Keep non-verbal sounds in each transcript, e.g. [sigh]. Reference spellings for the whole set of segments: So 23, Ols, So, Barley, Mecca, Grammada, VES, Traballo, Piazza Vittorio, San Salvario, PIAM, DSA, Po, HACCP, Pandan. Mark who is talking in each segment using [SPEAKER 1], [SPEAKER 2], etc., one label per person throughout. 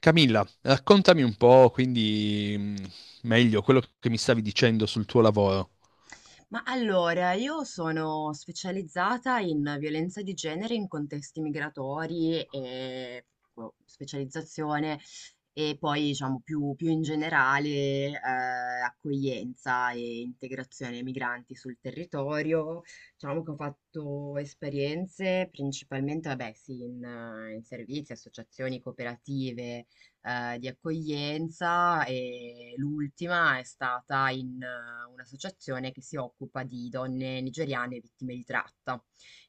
[SPEAKER 1] Camilla, raccontami un po', quindi meglio quello che mi stavi dicendo sul tuo lavoro.
[SPEAKER 2] Ma allora, io sono specializzata in violenza di genere in contesti migratori e boh, specializzazione e poi diciamo più in generale accoglienza e integrazione ai migranti sul territorio. Diciamo che ho fatto esperienze principalmente, vabbè, sì, in servizi, associazioni, cooperative di accoglienza e l'ultima è stata in un'associazione che si occupa di donne nigeriane vittime di tratta,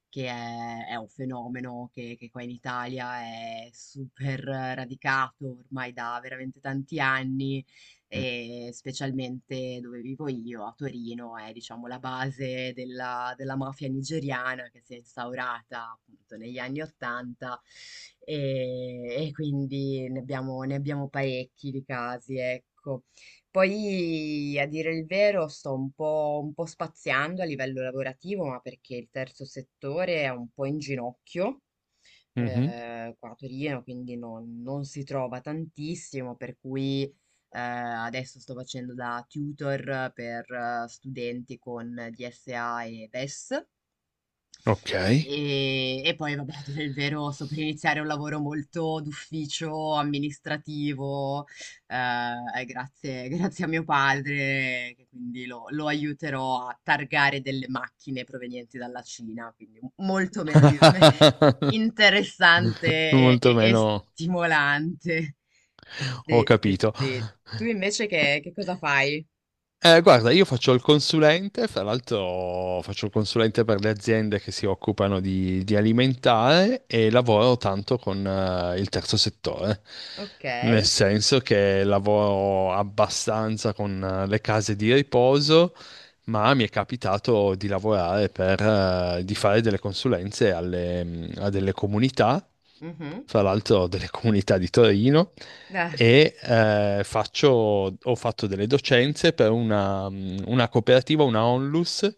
[SPEAKER 2] è un fenomeno che qua in Italia è super radicato ormai da veramente tanti anni
[SPEAKER 1] Mm.
[SPEAKER 2] e specialmente dove vivo io, a Torino, è diciamo la base della mafia nigeriana che si è instaurata appunto negli anni Ottanta e, e quindi ne abbiamo parecchi di casi, ecco. Poi, a dire il vero, sto un po' spaziando a livello lavorativo, ma perché il terzo settore è un po' in ginocchio
[SPEAKER 1] Mhm.
[SPEAKER 2] qua a Torino, quindi non si trova tantissimo, per cui adesso sto facendo da tutor per studenti con DSA e VES
[SPEAKER 1] Ok.
[SPEAKER 2] e poi, vabbè, a dire il vero, sto per iniziare un lavoro molto d'ufficio, amministrativo, grazie, [laughs] grazie a mio padre, che quindi lo aiuterò a targare delle macchine provenienti dalla Cina, quindi molto meno [laughs]
[SPEAKER 1] [laughs]
[SPEAKER 2] interessante
[SPEAKER 1] Molto
[SPEAKER 2] e
[SPEAKER 1] meno.
[SPEAKER 2] stimolante.
[SPEAKER 1] Ho
[SPEAKER 2] Sì, sì,
[SPEAKER 1] capito.
[SPEAKER 2] sì. Tu invece che cosa fai?
[SPEAKER 1] Guarda, io faccio il consulente, fra l'altro faccio il consulente per le aziende che si occupano di alimentare e lavoro tanto con il terzo settore,
[SPEAKER 2] Ok.
[SPEAKER 1] nel senso che lavoro abbastanza con le case di riposo, ma mi è capitato di lavorare di fare delle consulenze a delle comunità,
[SPEAKER 2] Mhm.
[SPEAKER 1] fra l'altro delle comunità di Torino,
[SPEAKER 2] Ah,
[SPEAKER 1] e ho fatto delle docenze per una cooperativa, una Onlus,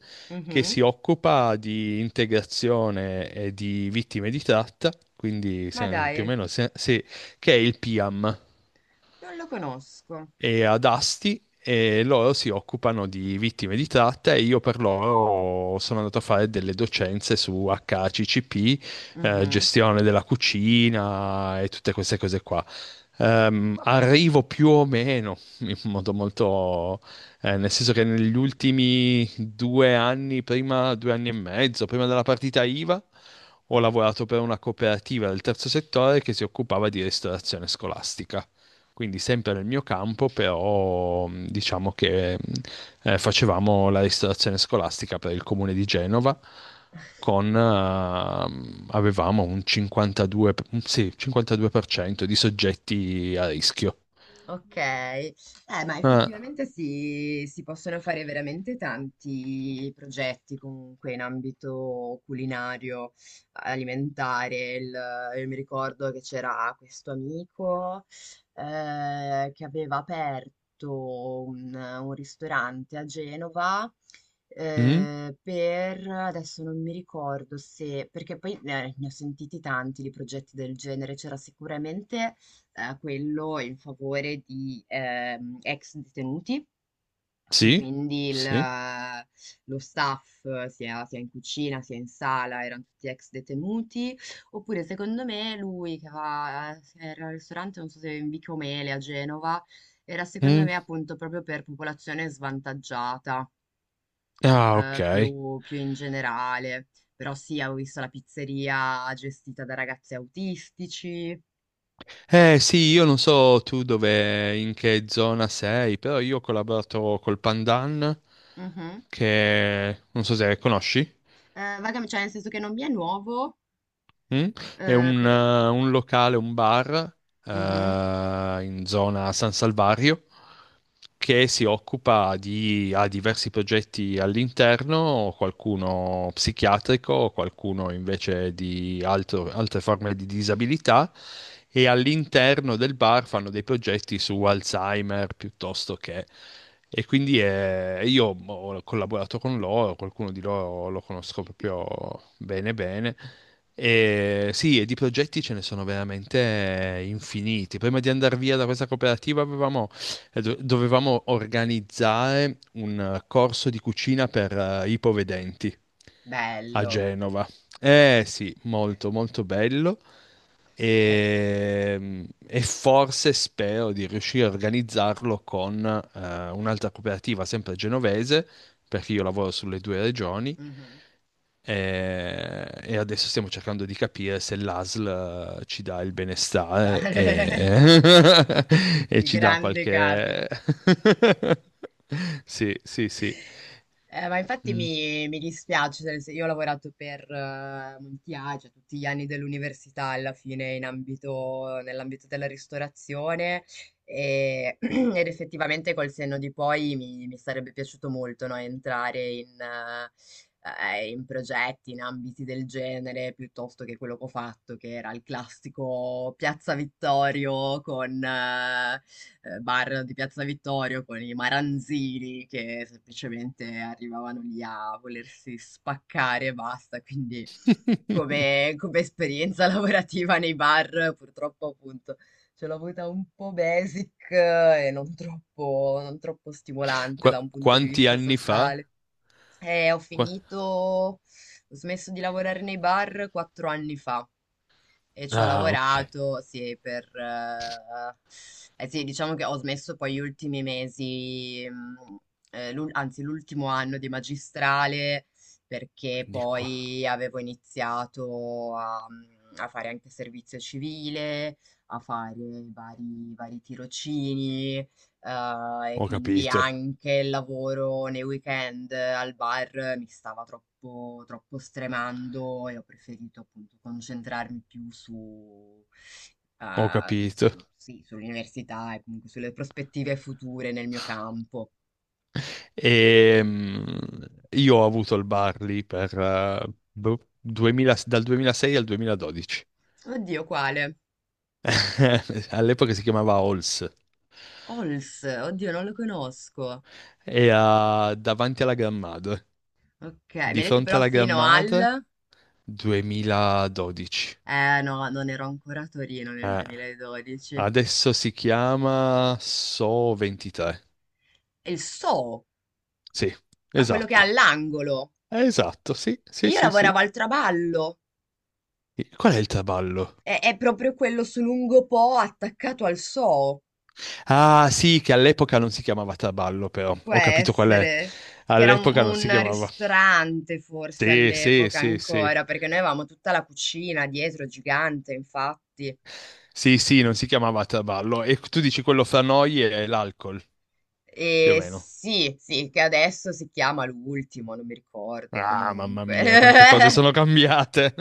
[SPEAKER 1] che
[SPEAKER 2] mhm.
[SPEAKER 1] si occupa di integrazione e di vittime di tratta, quindi
[SPEAKER 2] Ma
[SPEAKER 1] più o
[SPEAKER 2] dai,
[SPEAKER 1] meno che è il PIAM,
[SPEAKER 2] non lo conosco.
[SPEAKER 1] e ad Asti, e loro si occupano di vittime di tratta e io per loro sono andato a fare delle docenze su HACCP,
[SPEAKER 2] Mhm.
[SPEAKER 1] gestione della cucina e tutte queste cose qua. Arrivo più o meno in modo molto, nel senso che negli ultimi 2 anni, prima 2 anni e mezzo, prima della partita IVA, ho lavorato per una cooperativa del terzo settore che si occupava di ristorazione scolastica, quindi sempre nel mio campo, però diciamo che facevamo la ristorazione scolastica per il comune di Genova con avevamo un 52, per- un- sì, 52% di soggetti a rischio.
[SPEAKER 2] Ok, ma
[SPEAKER 1] Ah,
[SPEAKER 2] effettivamente si possono fare veramente tanti progetti comunque in ambito culinario, alimentare. Io mi ricordo che c'era questo amico che aveva aperto un ristorante a Genova.
[SPEAKER 1] mm,
[SPEAKER 2] Per adesso non mi ricordo se, perché poi ne ho sentiti tanti di progetti del genere, c'era sicuramente quello in favore di ex detenuti, che
[SPEAKER 1] sì,
[SPEAKER 2] quindi
[SPEAKER 1] sì.
[SPEAKER 2] lo staff, sia in cucina sia in sala, erano tutti ex detenuti, oppure secondo me lui che va, era al ristorante, non so se in Vico Mele a Genova, era secondo me
[SPEAKER 1] Mm.
[SPEAKER 2] appunto proprio per popolazione svantaggiata,
[SPEAKER 1] Ah, ok.
[SPEAKER 2] più, più in generale. Però sì, avevo visto la pizzeria gestita da ragazzi autistici.
[SPEAKER 1] Eh sì, io non so tu dove, in che zona sei, però io ho collaborato col Pandan,
[SPEAKER 2] Mhm.
[SPEAKER 1] che non so se conosci.
[SPEAKER 2] Vagamente, cioè nel senso che non mi è nuovo,
[SPEAKER 1] Mm? È un,
[SPEAKER 2] però...
[SPEAKER 1] eh, un locale, un bar eh,
[SPEAKER 2] Mhm.
[SPEAKER 1] in zona San Salvario che si occupa ha diversi progetti all'interno, qualcuno psichiatrico, qualcuno invece di altre forme di disabilità, e all'interno del bar fanno dei progetti su Alzheimer piuttosto che... E quindi io ho collaborato con loro, qualcuno di loro lo conosco proprio bene bene. E sì, e di progetti ce ne sono veramente infiniti. Prima di andare via da questa cooperativa dovevamo organizzare un corso di cucina per ipovedenti a
[SPEAKER 2] Bello.
[SPEAKER 1] Genova. Eh sì, molto molto bello,
[SPEAKER 2] Eh,
[SPEAKER 1] e forse spero di riuscire a organizzarlo con un'altra cooperativa sempre genovese, perché io lavoro sulle due regioni,
[SPEAKER 2] mhm.
[SPEAKER 1] e adesso stiamo cercando di capire se l'ASL ci dà il
[SPEAKER 2] Ta-
[SPEAKER 1] benestare
[SPEAKER 2] [laughs]
[SPEAKER 1] e, [laughs] e
[SPEAKER 2] Il
[SPEAKER 1] ci dà
[SPEAKER 2] grande.
[SPEAKER 1] qualche... [laughs] Sì, sì, sì.
[SPEAKER 2] Ma infatti
[SPEAKER 1] Mm.
[SPEAKER 2] mi, mi dispiace, cioè, nel sen- io ho lavorato per molti anni, cioè tutti gli anni dell'università alla fine in nell'ambito della ristorazione [clears throat] ed effettivamente col senno di poi mi sarebbe piaciuto molto no, entrare in progetti, in ambiti del genere, piuttosto che quello che ho fatto, che era il classico Piazza Vittorio con bar di Piazza Vittorio con i maranzini che semplicemente arrivavano lì a volersi spaccare e basta. Quindi come,
[SPEAKER 1] [laughs]
[SPEAKER 2] come esperienza [laughs] lavorativa nei bar, purtroppo appunto ce l'ho avuta un po' basic e non troppo, non troppo stimolante da un punto di
[SPEAKER 1] Quanti
[SPEAKER 2] vista
[SPEAKER 1] anni fa?
[SPEAKER 2] sociale. E ho
[SPEAKER 1] Qua-
[SPEAKER 2] finito, ho smesso di lavorare nei bar quattro anni fa e ci ho
[SPEAKER 1] Ah, ok.
[SPEAKER 2] lavorato, sì, per sì, diciamo che ho smesso poi gli ultimi mesi, anzi l'ultimo anno di magistrale, perché
[SPEAKER 1] Quindi qua.
[SPEAKER 2] poi avevo iniziato a fare anche servizio civile, a fare vari tirocini, e
[SPEAKER 1] Ho
[SPEAKER 2] quindi
[SPEAKER 1] capito,
[SPEAKER 2] anche il lavoro nei weekend al bar mi stava troppo, troppo stremando e ho preferito appunto concentrarmi più su,
[SPEAKER 1] ho
[SPEAKER 2] eh, s-
[SPEAKER 1] capito.
[SPEAKER 2] sì, sull'università e comunque sulle prospettive future nel mio campo.
[SPEAKER 1] E, io ho avuto il Barley per, boh, 2000 dal 2006 al 2012.
[SPEAKER 2] Oddio, quale?
[SPEAKER 1] [laughs] All'epoca si chiamava Ols.
[SPEAKER 2] Ols, oddio, non lo conosco.
[SPEAKER 1] E
[SPEAKER 2] Ok, mi
[SPEAKER 1] di
[SPEAKER 2] ha detto
[SPEAKER 1] fronte
[SPEAKER 2] però
[SPEAKER 1] alla
[SPEAKER 2] fino
[SPEAKER 1] Grammada,
[SPEAKER 2] al...
[SPEAKER 1] 2012.
[SPEAKER 2] Eh no, non ero ancora a Torino nel
[SPEAKER 1] Eh,
[SPEAKER 2] 2012. E
[SPEAKER 1] adesso si chiama So 23.
[SPEAKER 2] il So,
[SPEAKER 1] Sì,
[SPEAKER 2] ma quello che è
[SPEAKER 1] esatto.
[SPEAKER 2] all'angolo.
[SPEAKER 1] Esatto, sì, sì,
[SPEAKER 2] Io
[SPEAKER 1] sì,
[SPEAKER 2] lavoravo
[SPEAKER 1] sì.
[SPEAKER 2] al traballo,
[SPEAKER 1] Qual è il traballo?
[SPEAKER 2] è proprio quello su lungo Po attaccato al So,
[SPEAKER 1] Ah, sì, che all'epoca non si chiamava Traballo, però
[SPEAKER 2] può
[SPEAKER 1] ho capito qual è.
[SPEAKER 2] essere, che era
[SPEAKER 1] All'epoca non si
[SPEAKER 2] un
[SPEAKER 1] chiamava.
[SPEAKER 2] ristorante forse
[SPEAKER 1] Sì, sì,
[SPEAKER 2] all'epoca
[SPEAKER 1] sì, sì.
[SPEAKER 2] ancora, perché noi avevamo tutta la cucina dietro, gigante infatti.
[SPEAKER 1] Sì, sì, non si chiamava Traballo. E tu dici quello fra noi è l'alcol, più o
[SPEAKER 2] E
[SPEAKER 1] meno.
[SPEAKER 2] sì, sì, che adesso si chiama l'ultimo, non mi ricordo
[SPEAKER 1] Ah, mamma
[SPEAKER 2] comunque.
[SPEAKER 1] mia, quante cose
[SPEAKER 2] [laughs]
[SPEAKER 1] sono cambiate.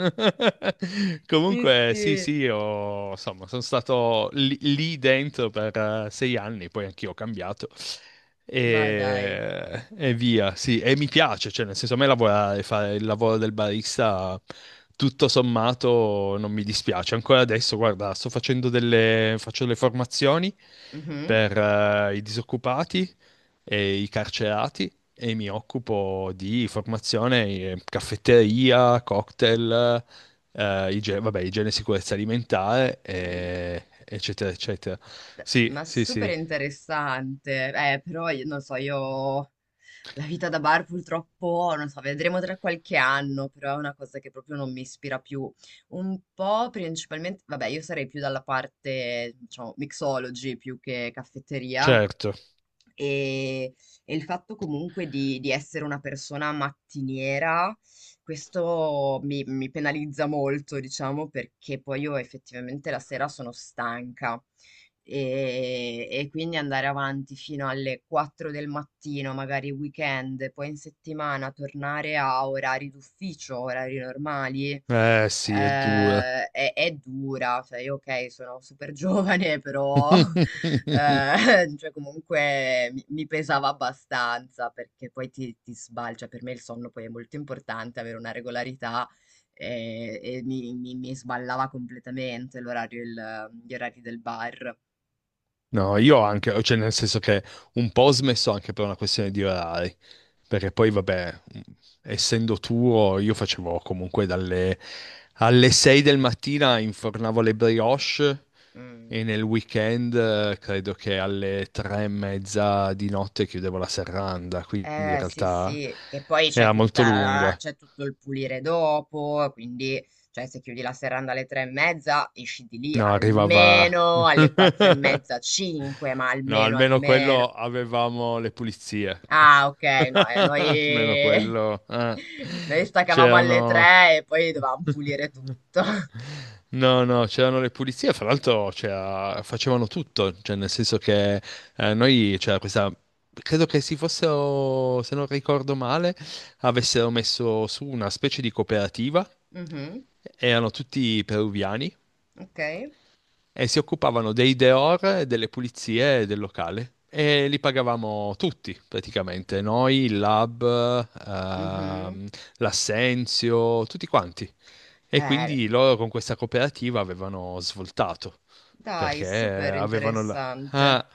[SPEAKER 1] [laughs]
[SPEAKER 2] Sì,
[SPEAKER 1] Comunque, sì, sì,
[SPEAKER 2] sì,
[SPEAKER 1] io, insomma, sono stato lì dentro per 6 anni, poi anch'io ho cambiato.
[SPEAKER 2] ma dai.
[SPEAKER 1] E via, sì, e mi piace, cioè, nel senso, a me lavorare, fare il lavoro del barista, tutto sommato, non mi dispiace. Ancora adesso, guarda, faccio delle formazioni
[SPEAKER 2] Mhm.
[SPEAKER 1] per i disoccupati e i carcerati e mi occupo di formazione, caffetteria, cocktail, vabbè, igiene e sicurezza alimentare,
[SPEAKER 2] Quello.
[SPEAKER 1] eccetera, eccetera.
[SPEAKER 2] Beh,
[SPEAKER 1] Sì,
[SPEAKER 2] ma
[SPEAKER 1] sì,
[SPEAKER 2] super
[SPEAKER 1] sì,
[SPEAKER 2] interessante. Però io non so, io la vita da bar purtroppo, non so, vedremo tra qualche anno, però è una cosa che proprio non mi ispira più. Un po' principalmente, vabbè, io sarei più dalla parte, diciamo, mixology più che caffetteria,
[SPEAKER 1] certo.
[SPEAKER 2] e, e il fatto comunque di essere una persona mattiniera, questo mi penalizza molto, diciamo, perché poi io effettivamente la sera sono stanca. E quindi andare avanti fino alle 4 del mattino, magari weekend, poi in settimana tornare a orari d'ufficio, orari normali
[SPEAKER 1] Eh sì, è dura.
[SPEAKER 2] è dura, cioè io ok, sono super giovane, [laughs] però
[SPEAKER 1] [laughs]
[SPEAKER 2] [laughs] cioè comunque mi pesava abbastanza perché poi ti sbalcia. Per me il sonno poi è molto importante, avere una regolarità e, mi sballava completamente l'orario, gli orari del bar.
[SPEAKER 1] No, io anche, cioè nel senso che un po' ho smesso anche per una questione di orari. Perché poi, vabbè, essendo tuo, io facevo comunque dalle alle 6 del mattina infornavo le brioche, e
[SPEAKER 2] Mm.
[SPEAKER 1] nel weekend credo che alle 3 e mezza di notte chiudevo la serranda, quindi in
[SPEAKER 2] Eh sì
[SPEAKER 1] realtà
[SPEAKER 2] sì, e poi c'è
[SPEAKER 1] era molto
[SPEAKER 2] tutta,
[SPEAKER 1] lunga.
[SPEAKER 2] c'è tutto il pulire dopo, quindi cioè, se chiudi la serranda alle tre e mezza, esci di lì
[SPEAKER 1] No, arrivava.
[SPEAKER 2] almeno alle quattro e
[SPEAKER 1] [laughs]
[SPEAKER 2] mezza, cinque, ma
[SPEAKER 1] No,
[SPEAKER 2] almeno
[SPEAKER 1] almeno
[SPEAKER 2] almeno.
[SPEAKER 1] quello avevamo le pulizie.
[SPEAKER 2] Ah ok, no,
[SPEAKER 1] [laughs] Almeno
[SPEAKER 2] noi...
[SPEAKER 1] quello.
[SPEAKER 2] [laughs] noi staccavamo alle
[SPEAKER 1] C'erano.
[SPEAKER 2] tre e poi dovevamo pulire tutto.
[SPEAKER 1] [laughs]
[SPEAKER 2] [laughs]
[SPEAKER 1] No, no, c'erano le pulizie, fra l'altro facevano tutto, cioè nel senso che noi c'era questa, credo che si fossero, se non ricordo male, avessero messo su una specie di cooperativa,
[SPEAKER 2] Mhm,
[SPEAKER 1] erano tutti peruviani
[SPEAKER 2] ok,
[SPEAKER 1] e si occupavano dei deor e delle pulizie del locale. E li pagavamo tutti, praticamente, noi, il lab,
[SPEAKER 2] mhm.
[SPEAKER 1] l'assenzio, tutti quanti. E
[SPEAKER 2] Eh,
[SPEAKER 1] quindi loro con questa cooperativa avevano svoltato
[SPEAKER 2] dai,
[SPEAKER 1] perché
[SPEAKER 2] super interessante.
[SPEAKER 1] ah,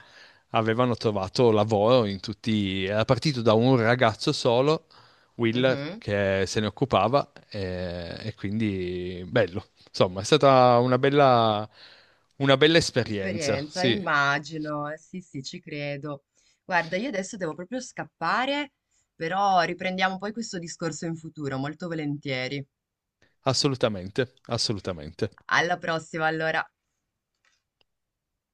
[SPEAKER 1] avevano trovato lavoro in tutti. Era partito da un ragazzo solo, Will,
[SPEAKER 2] Mhm.
[SPEAKER 1] che se ne occupava, e quindi bello. Insomma, è stata una bella esperienza,
[SPEAKER 2] Esperienza,
[SPEAKER 1] sì,
[SPEAKER 2] immagino, sì, sì, ci credo. Guarda, io adesso devo proprio scappare, però riprendiamo poi questo discorso in futuro, molto volentieri.
[SPEAKER 1] assolutamente, assolutamente.
[SPEAKER 2] Alla prossima, allora.